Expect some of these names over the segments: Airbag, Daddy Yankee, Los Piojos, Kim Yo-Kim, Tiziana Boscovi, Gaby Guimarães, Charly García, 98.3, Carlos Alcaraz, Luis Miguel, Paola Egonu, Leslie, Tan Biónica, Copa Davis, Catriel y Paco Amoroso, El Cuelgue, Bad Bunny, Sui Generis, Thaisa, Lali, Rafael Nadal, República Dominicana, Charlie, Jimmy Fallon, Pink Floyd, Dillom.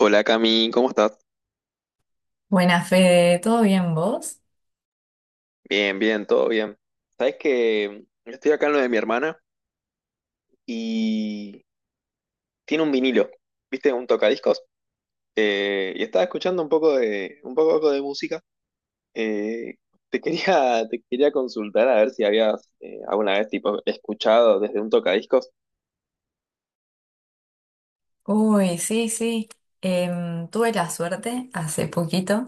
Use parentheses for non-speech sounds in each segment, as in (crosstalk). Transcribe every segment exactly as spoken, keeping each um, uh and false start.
Hola Cami, ¿cómo estás? Buenas, Fede, ¿todo bien vos? Bien, bien, todo bien. Sabes que estoy acá en lo de mi hermana y tiene un vinilo, ¿viste? Un tocadiscos. Eh, y estaba escuchando un poco de, un poco de música. Eh, Te quería, (laughs) te quería consultar a ver si habías eh, alguna vez tipo, escuchado desde un tocadiscos. Uy, sí, sí. Em, tuve la suerte hace poquito.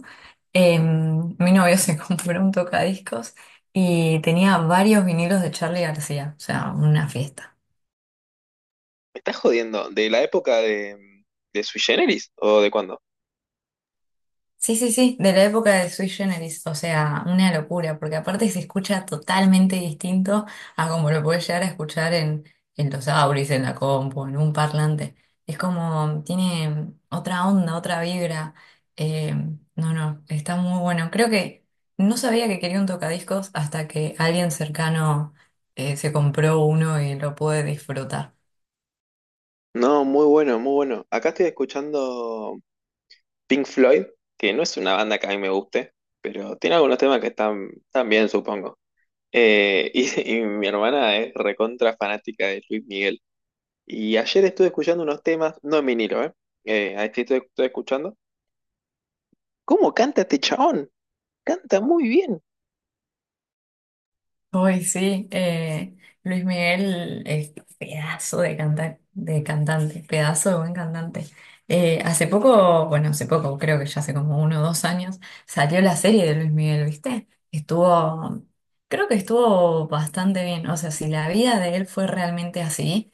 em, Mi novio se (laughs) compró un tocadiscos y tenía varios vinilos de Charly García, o sea, una fiesta. ¿Me estás jodiendo? ¿De la época de, de Sui Generis o de cuándo? Sí, sí, sí, de la época de Sui Generis, o sea, una locura, porque aparte se escucha totalmente distinto a como lo puedes llegar a escuchar en, en los auris, en la compu, en un parlante. Es como, tiene otra onda, otra vibra. Eh, no, no, está muy bueno. Creo que no sabía que quería un tocadiscos hasta que alguien cercano eh, se compró uno y lo pude disfrutar. No, muy bueno, muy bueno. Acá estoy escuchando. Pink Floyd, que no es una banda que a mí me guste, pero tiene algunos temas que están, están bien, supongo. Eh, y, (laughs) y mi hermana es recontra fanática de Luis Miguel. Y ayer estuve escuchando unos temas, no en vinilo, ¿eh? Eh, ahí sí estoy, estoy escuchando. ¿Cómo canta este chabón? Canta muy bien. Hoy sí, eh, Luis Miguel es pedazo de canta- de cantante, pedazo de buen cantante. Eh, hace poco, bueno, hace poco, creo que ya hace como uno o dos años, salió la serie de Luis Miguel, ¿viste? Estuvo, creo que estuvo bastante bien. O sea, si la vida de él fue realmente así,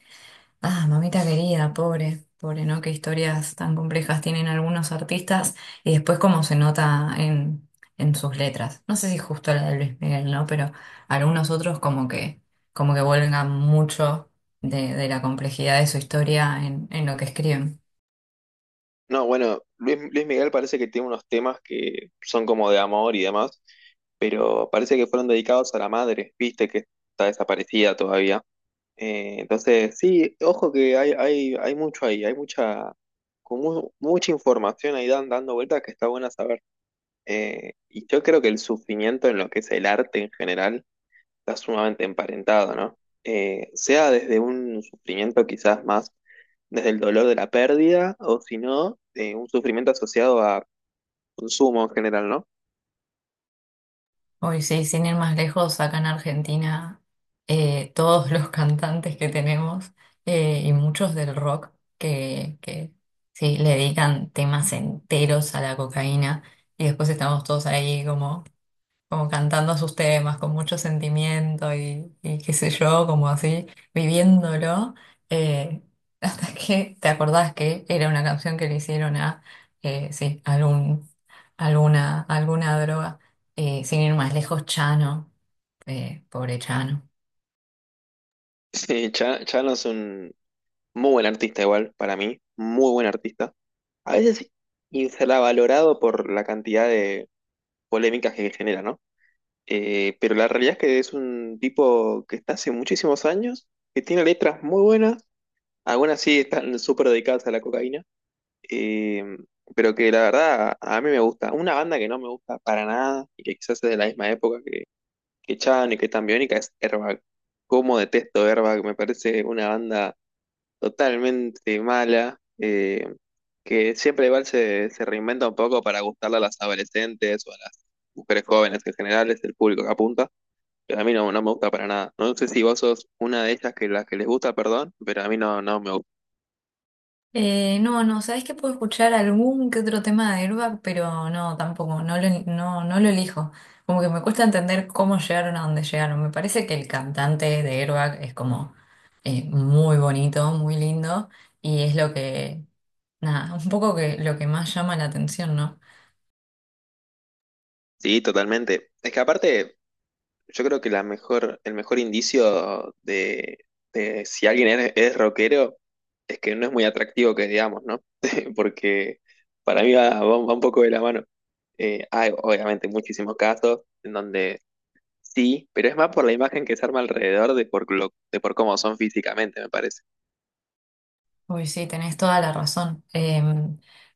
ah, mamita querida, pobre, pobre, ¿no? Qué historias tan complejas tienen algunos artistas y después cómo se nota en, en sus letras. No sé si justo la de Luis Miguel, ¿no? Pero algunos otros como que, como que vuelven mucho de, de la complejidad de su historia en, en lo que escriben. No, bueno, Luis, Luis Miguel parece que tiene unos temas que son como de amor y demás, pero parece que fueron dedicados a la madre, viste que está desaparecida todavía. Eh, entonces, sí, ojo que hay, hay, hay mucho ahí, hay mucha, con mu- mucha información ahí dan, dando vueltas que está buena saber. Eh, y yo creo que el sufrimiento en lo que es el arte en general está sumamente emparentado, ¿no? Eh, sea desde un sufrimiento quizás más desde el dolor de la pérdida o si no, eh, un sufrimiento asociado a consumo en general, ¿no? (laughs) Hoy sí, sin ir más lejos, acá en Argentina, eh, todos los (laughs) cantantes que tenemos eh, y muchos del rock que, que sí, le dedican temas enteros a la cocaína y después estamos todos ahí como como cantando sus temas con mucho sentimiento y, y qué sé yo, como así, viviéndolo, eh, (laughs) hasta que te acordás que era una canción que le hicieron a, eh, sí, algún, alguna, alguna droga. Eh, sin ir más lejos, Chano, eh, pobre Chano. Sí, ya, ya no es un... Muy buen artista igual, para mí, muy buen artista. A veces infravalorado por la cantidad de polémicas que genera, ¿no? Eh, pero la realidad es que es un tipo que está hace muchísimos años, que tiene letras muy buenas, algunas sí están súper dedicadas a la cocaína, eh, pero que la verdad a mí me gusta. Una banda que no me gusta para nada y que quizás es de la misma época que, que Chan y que Tan Biónica es Airbag. Cómo detesto Airbag, me parece una banda totalmente mala, eh, que siempre igual se, se reinventa un poco para gustarle a las adolescentes o a las mujeres jóvenes, que en general es el público que apunta, pero a mí no, no me gusta para nada. No sé si vos sos una de ellas que las que les gusta, perdón, pero a mí no, no me gusta. Eh, no, no, sabes que puedo escuchar algún que otro tema de Airbag, pero no, tampoco, no lo, no, no lo elijo. Como que me cuesta entender cómo llegaron a donde llegaron. Me parece que el cantante de Airbag es como eh, muy bonito, muy lindo, y es lo que, nada, un poco que lo que más llama la atención, ¿no? Sí, totalmente. Es que aparte yo creo que la mejor, el mejor indicio de, de si alguien es, es rockero es que no es muy atractivo que digamos, ¿no? (laughs) Porque para mí va, va un va un poco de la mano. Eh, hay obviamente muchísimos casos en donde sí, pero es más por la imagen que se arma alrededor de por, lo- de por cómo son físicamente, me parece. Uy, sí, tenés toda la razón. Eh,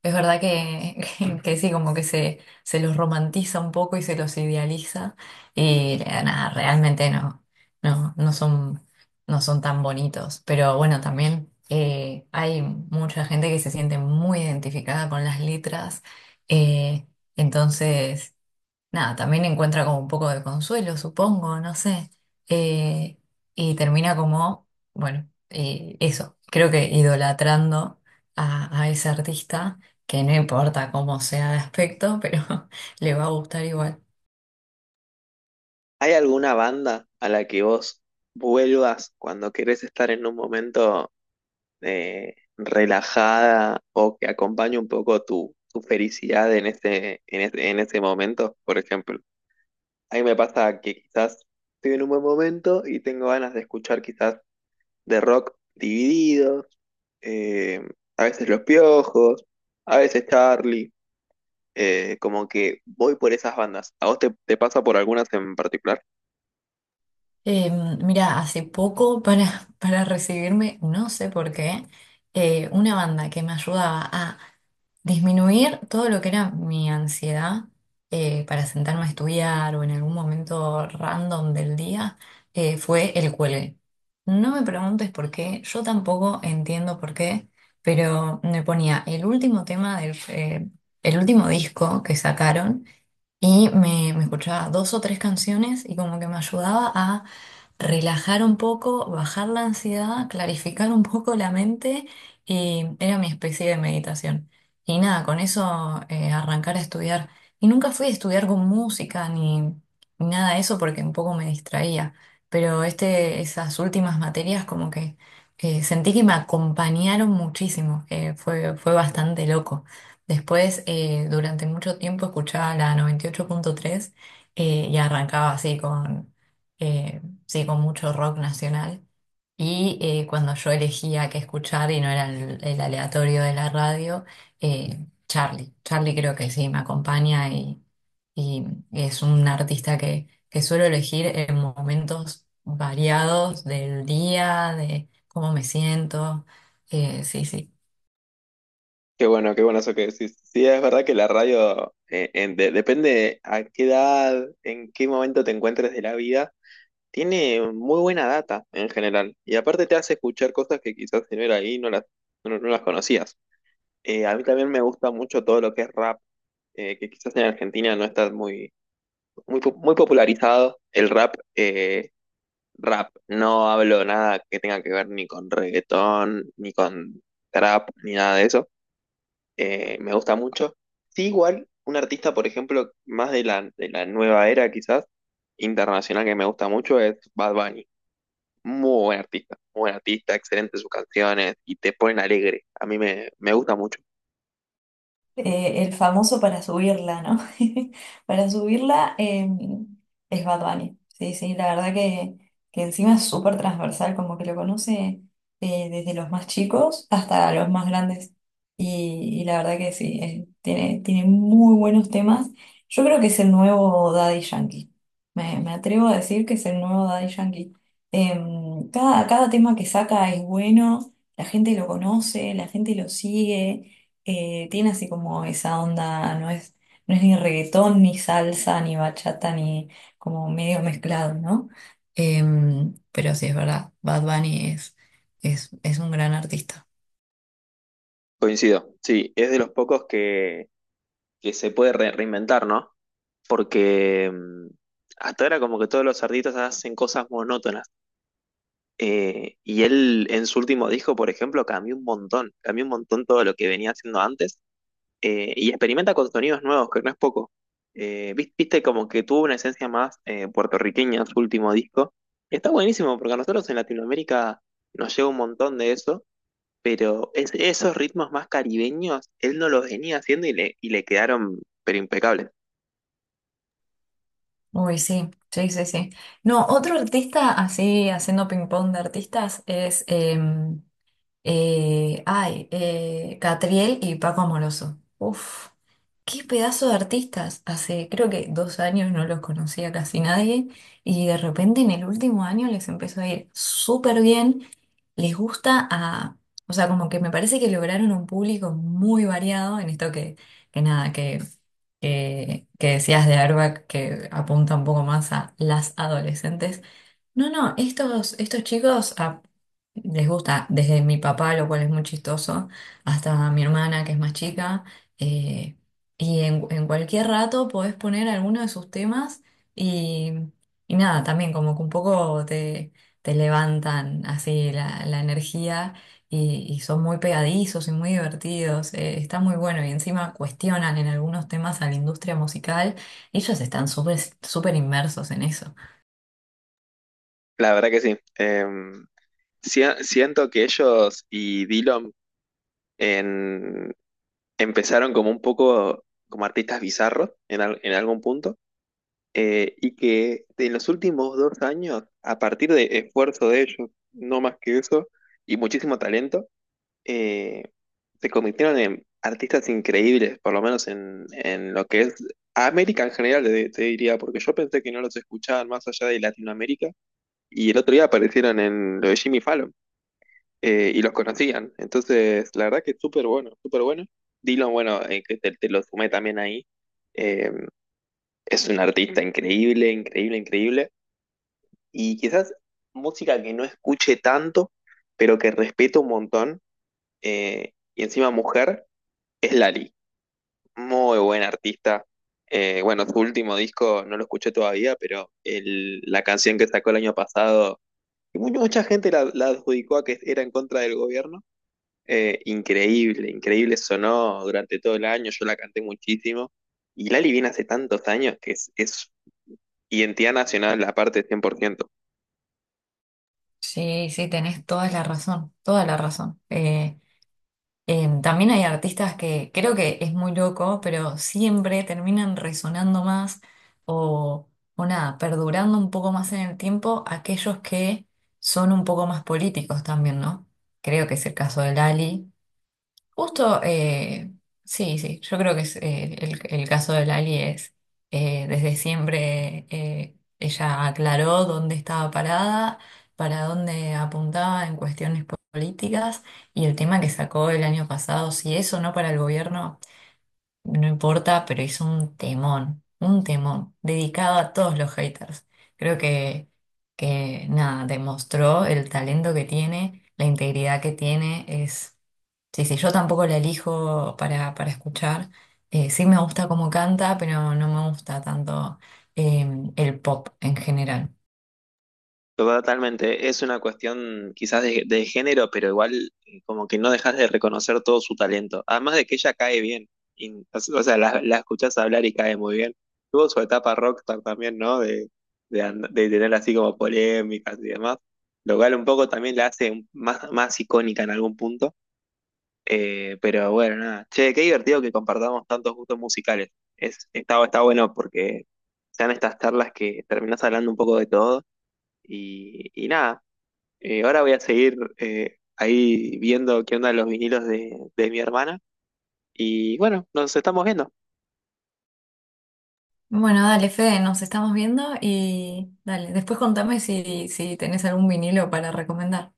Es verdad que, (laughs) que sí, como que se, se los romantiza un poco y se los idealiza. Y eh, nada, realmente no, no, no son, no son tan bonitos. Pero bueno, también eh, hay mucha gente que se siente muy identificada con las letras. eh, entonces. Nada, también encuentra como un poco de consuelo, supongo, no sé. Eh, y termina como, bueno, eh, eso, creo que idolatrando a, a ese artista, que no importa cómo sea de aspecto, pero (laughs) le va a gustar igual. ¿Hay alguna banda a la que vos vuelvas cuando querés estar en un momento eh, relajada o que acompañe un poco tu, tu felicidad en este, en este, en este momento, por ejemplo? A mí me pasa que quizás estoy en un buen momento y tengo ganas de escuchar quizás de rock divididos, eh, a veces Los Piojos, a veces Charlie, eh, como que voy por esas bandas. ¿A vos te, te pasa por algunas en particular? Em, mira, hace poco para, (laughs) para recibirme, no sé por qué, eh, una banda que me ayudaba a disminuir todo lo que era mi ansiedad eh, para sentarme a estudiar o en algún momento random del día, eh, fue El Cuelgue. No me preguntes por qué, yo tampoco entiendo por qué, pero me ponía el último tema del eh, el último disco que sacaron y me, me escuchaba dos o tres canciones y como que me ayudaba relajar un poco, bajar la ansiedad, clarificar un poco la mente y era mi especie de meditación. Y nada, con eso eh, arrancar a estudiar. Y nunca fui a estudiar con música ni, ni nada de eso porque un poco me distraía. Pero este, esas últimas materias como que, que sentí que me acompañaron muchísimo, que fue, fue bastante loco. Después, eh, durante mucho tiempo escuchaba la noventa y ocho punto tres eh, y arrancaba así con eh, sí, con mucho rock nacional. Y eh, cuando yo elegía qué escuchar y no era el, el aleatorio de la radio, eh, Charlie. Charlie creo que sí, me acompaña y, y es un artista que, que suelo elegir en momentos variados del día, de cómo me siento. Eh, sí, sí. Qué bueno, qué bueno eso que decís. Sí, es verdad que la radio, eh, en- de- depende a qué edad, en qué momento te encuentres de la vida, tiene muy buena data en general. Y aparte te hace escuchar cosas que quizás si no era ahí no las, no, no las conocías. Eh, a mí también me gusta mucho todo lo que es rap, eh, que quizás en Argentina no está muy, muy, po- muy popularizado. El rap, eh, rap, no hablo nada que tenga que ver ni con reggaetón, ni con trap, ni nada de eso, eh, me gusta mucho. Sí, igual, un artista, por ejemplo, más de la, de la nueva era quizás, internacional que me gusta mucho es Bad Bunny. Muy buen artista, muy buen artista, excelente sus canciones y te ponen alegre. A mí me, me gusta mucho. Eh, el famoso para subirla, ¿no? (laughs) Para subirla eh, es Bad Bunny. Sí, sí, la verdad que, que encima es súper transversal, como que lo conoce eh, desde los más chicos hasta los más grandes. Y, y la verdad que sí, eh, tiene, tiene muy buenos temas. Yo creo que es el nuevo Daddy Yankee. Me, me atrevo a decir que es el nuevo Daddy Yankee. Em, cada, cada tema que saca es bueno, la gente lo conoce, la gente lo sigue, eh, tiene así como esa onda, no es, no es ni reggaetón, ni salsa, ni bachata, ni como medio mezclado, ¿no? Em, pero sí, es verdad, Bad Bunny es, es, es un gran artista. Coincido, sí, es de los pocos que, que se puede re- reinventar, ¿no? Porque mm, hasta ahora como que todos los artistas hacen cosas monótonas. Eh, y él en su último disco, por ejemplo, cambió un montón, cambió un montón todo lo que venía haciendo antes, eh, y experimenta con sonidos nuevos, que no es poco. Eh, vis- viste como que tuvo una esencia más eh, puertorriqueña en su último disco. Está buenísimo porque a nosotros en Latinoamérica nos llega un montón de eso, pero es- esos ritmos más caribeños, él no los venía haciendo y le, y le quedaron pero impecables. Uy, sí, sí, sí, sí. No, otro artista así, haciendo ping-pong de artistas, es Eh, ay, eh, Catriel y Paco Amoroso. Uf, qué pedazo de artistas. Hace creo que dos años no los conocía casi nadie y de repente en el último año les empezó a ir súper bien. Les gusta a, o sea, como que me parece que lograron un público muy variado en esto que, que nada, que, que, que decías de Arbac que apunta un poco más a las adolescentes. No, no, estos, estos chicos ah, les gusta desde mi papá, lo cual es muy chistoso, hasta mi hermana, que es más chica, eh, y en, en cualquier rato podés poner alguno de sus temas y, y nada, también como que un poco te, te levantan así la, la energía y, y son muy pegadizos y muy divertidos, eh, está muy bueno y encima cuestionan en algunos temas a la industria musical, ellos están súper súper inmersos en eso. La verdad que sí. Em, si- siento que ellos y Dillom en- empezaron como un poco como artistas bizarros en, al- en algún punto. Eh, y que en los últimos dos años, a partir de esfuerzo de ellos, no más que eso, y muchísimo talento, eh, se convirtieron en artistas increíbles, por lo menos en, en lo que es América en general, te, te diría, porque yo pensé que no los escuchaban más allá de Latinoamérica, y el otro día aparecieron en lo de Jimmy Fallon, eh, y los conocían. Entonces, la verdad que es súper bueno, súper bueno. Dylan, bueno, eh, que te, te lo sumé también ahí. eh, es un artista increíble, increíble, increíble, y quizás música que no escuche tanto, pero que respeto un montón, eh, y encima mujer, es Lali. Muy buena artista. Eh, bueno, su último disco no lo escuché todavía, pero el- la canción que sacó el año pasado, que mu- mucha gente la, la adjudicó a que era en contra del gobierno, eh, increíble, increíble sonó durante todo el año, yo la canté muchísimo. Y Lali viene hace tantos años que es, es identidad nacional, aparte cien por ciento. Sí, sí, tenés toda la razón, toda la razón. Eh, eh, también hay artistas que creo que es muy loco, pero siempre terminan resonando más o, o nada, perdurando un poco más en el tiempo aquellos que son un poco más políticos también, ¿no? Creo que es el caso de Lali. Justo, eh, sí, sí, yo creo que es, eh, el, el caso de Lali es, eh, desde siempre eh, ella aclaró dónde estaba parada, para dónde apuntaba en cuestiones políticas y el tema que sacó el año pasado, si eso no para el gobierno. No importa, pero hizo un temón, un temón, dedicado a todos los haters. Creo que, que nada, demostró el talento que tiene, la integridad que tiene, es... Sí, sí, yo tampoco la elijo para, para escuchar. Eh, sí me gusta cómo canta, pero no me gusta tanto eh, el pop en general. Totalmente, es una cuestión quizás de, de género, pero igual eh, como que no dejas de reconocer todo su talento. Además de que ella cae bien, y- o sea, la, la escuchás hablar y cae muy bien. Tuvo su etapa rockstar también, ¿no? De, de, and- de tener así como polémicas y demás, lo cual un poco también la hace un- más, más icónica en algún punto. Eh, pero bueno, nada. Che, qué divertido que compartamos tantos gustos musicales. Es, está, está bueno porque sean estas charlas que terminás hablando un poco de todo. Y, y nada, eh, ahora voy a seguir eh, ahí viendo qué onda los vinilos de, de mi hermana. Y bueno, nos estamos viendo. Bueno, dale, Fede, nos estamos viendo y dale, después contame si, si tenés algún vinilo para recomendar.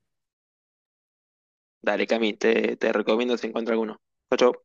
Dale, Cami, te, te recomiendo si encuentro alguno. Chau, chau.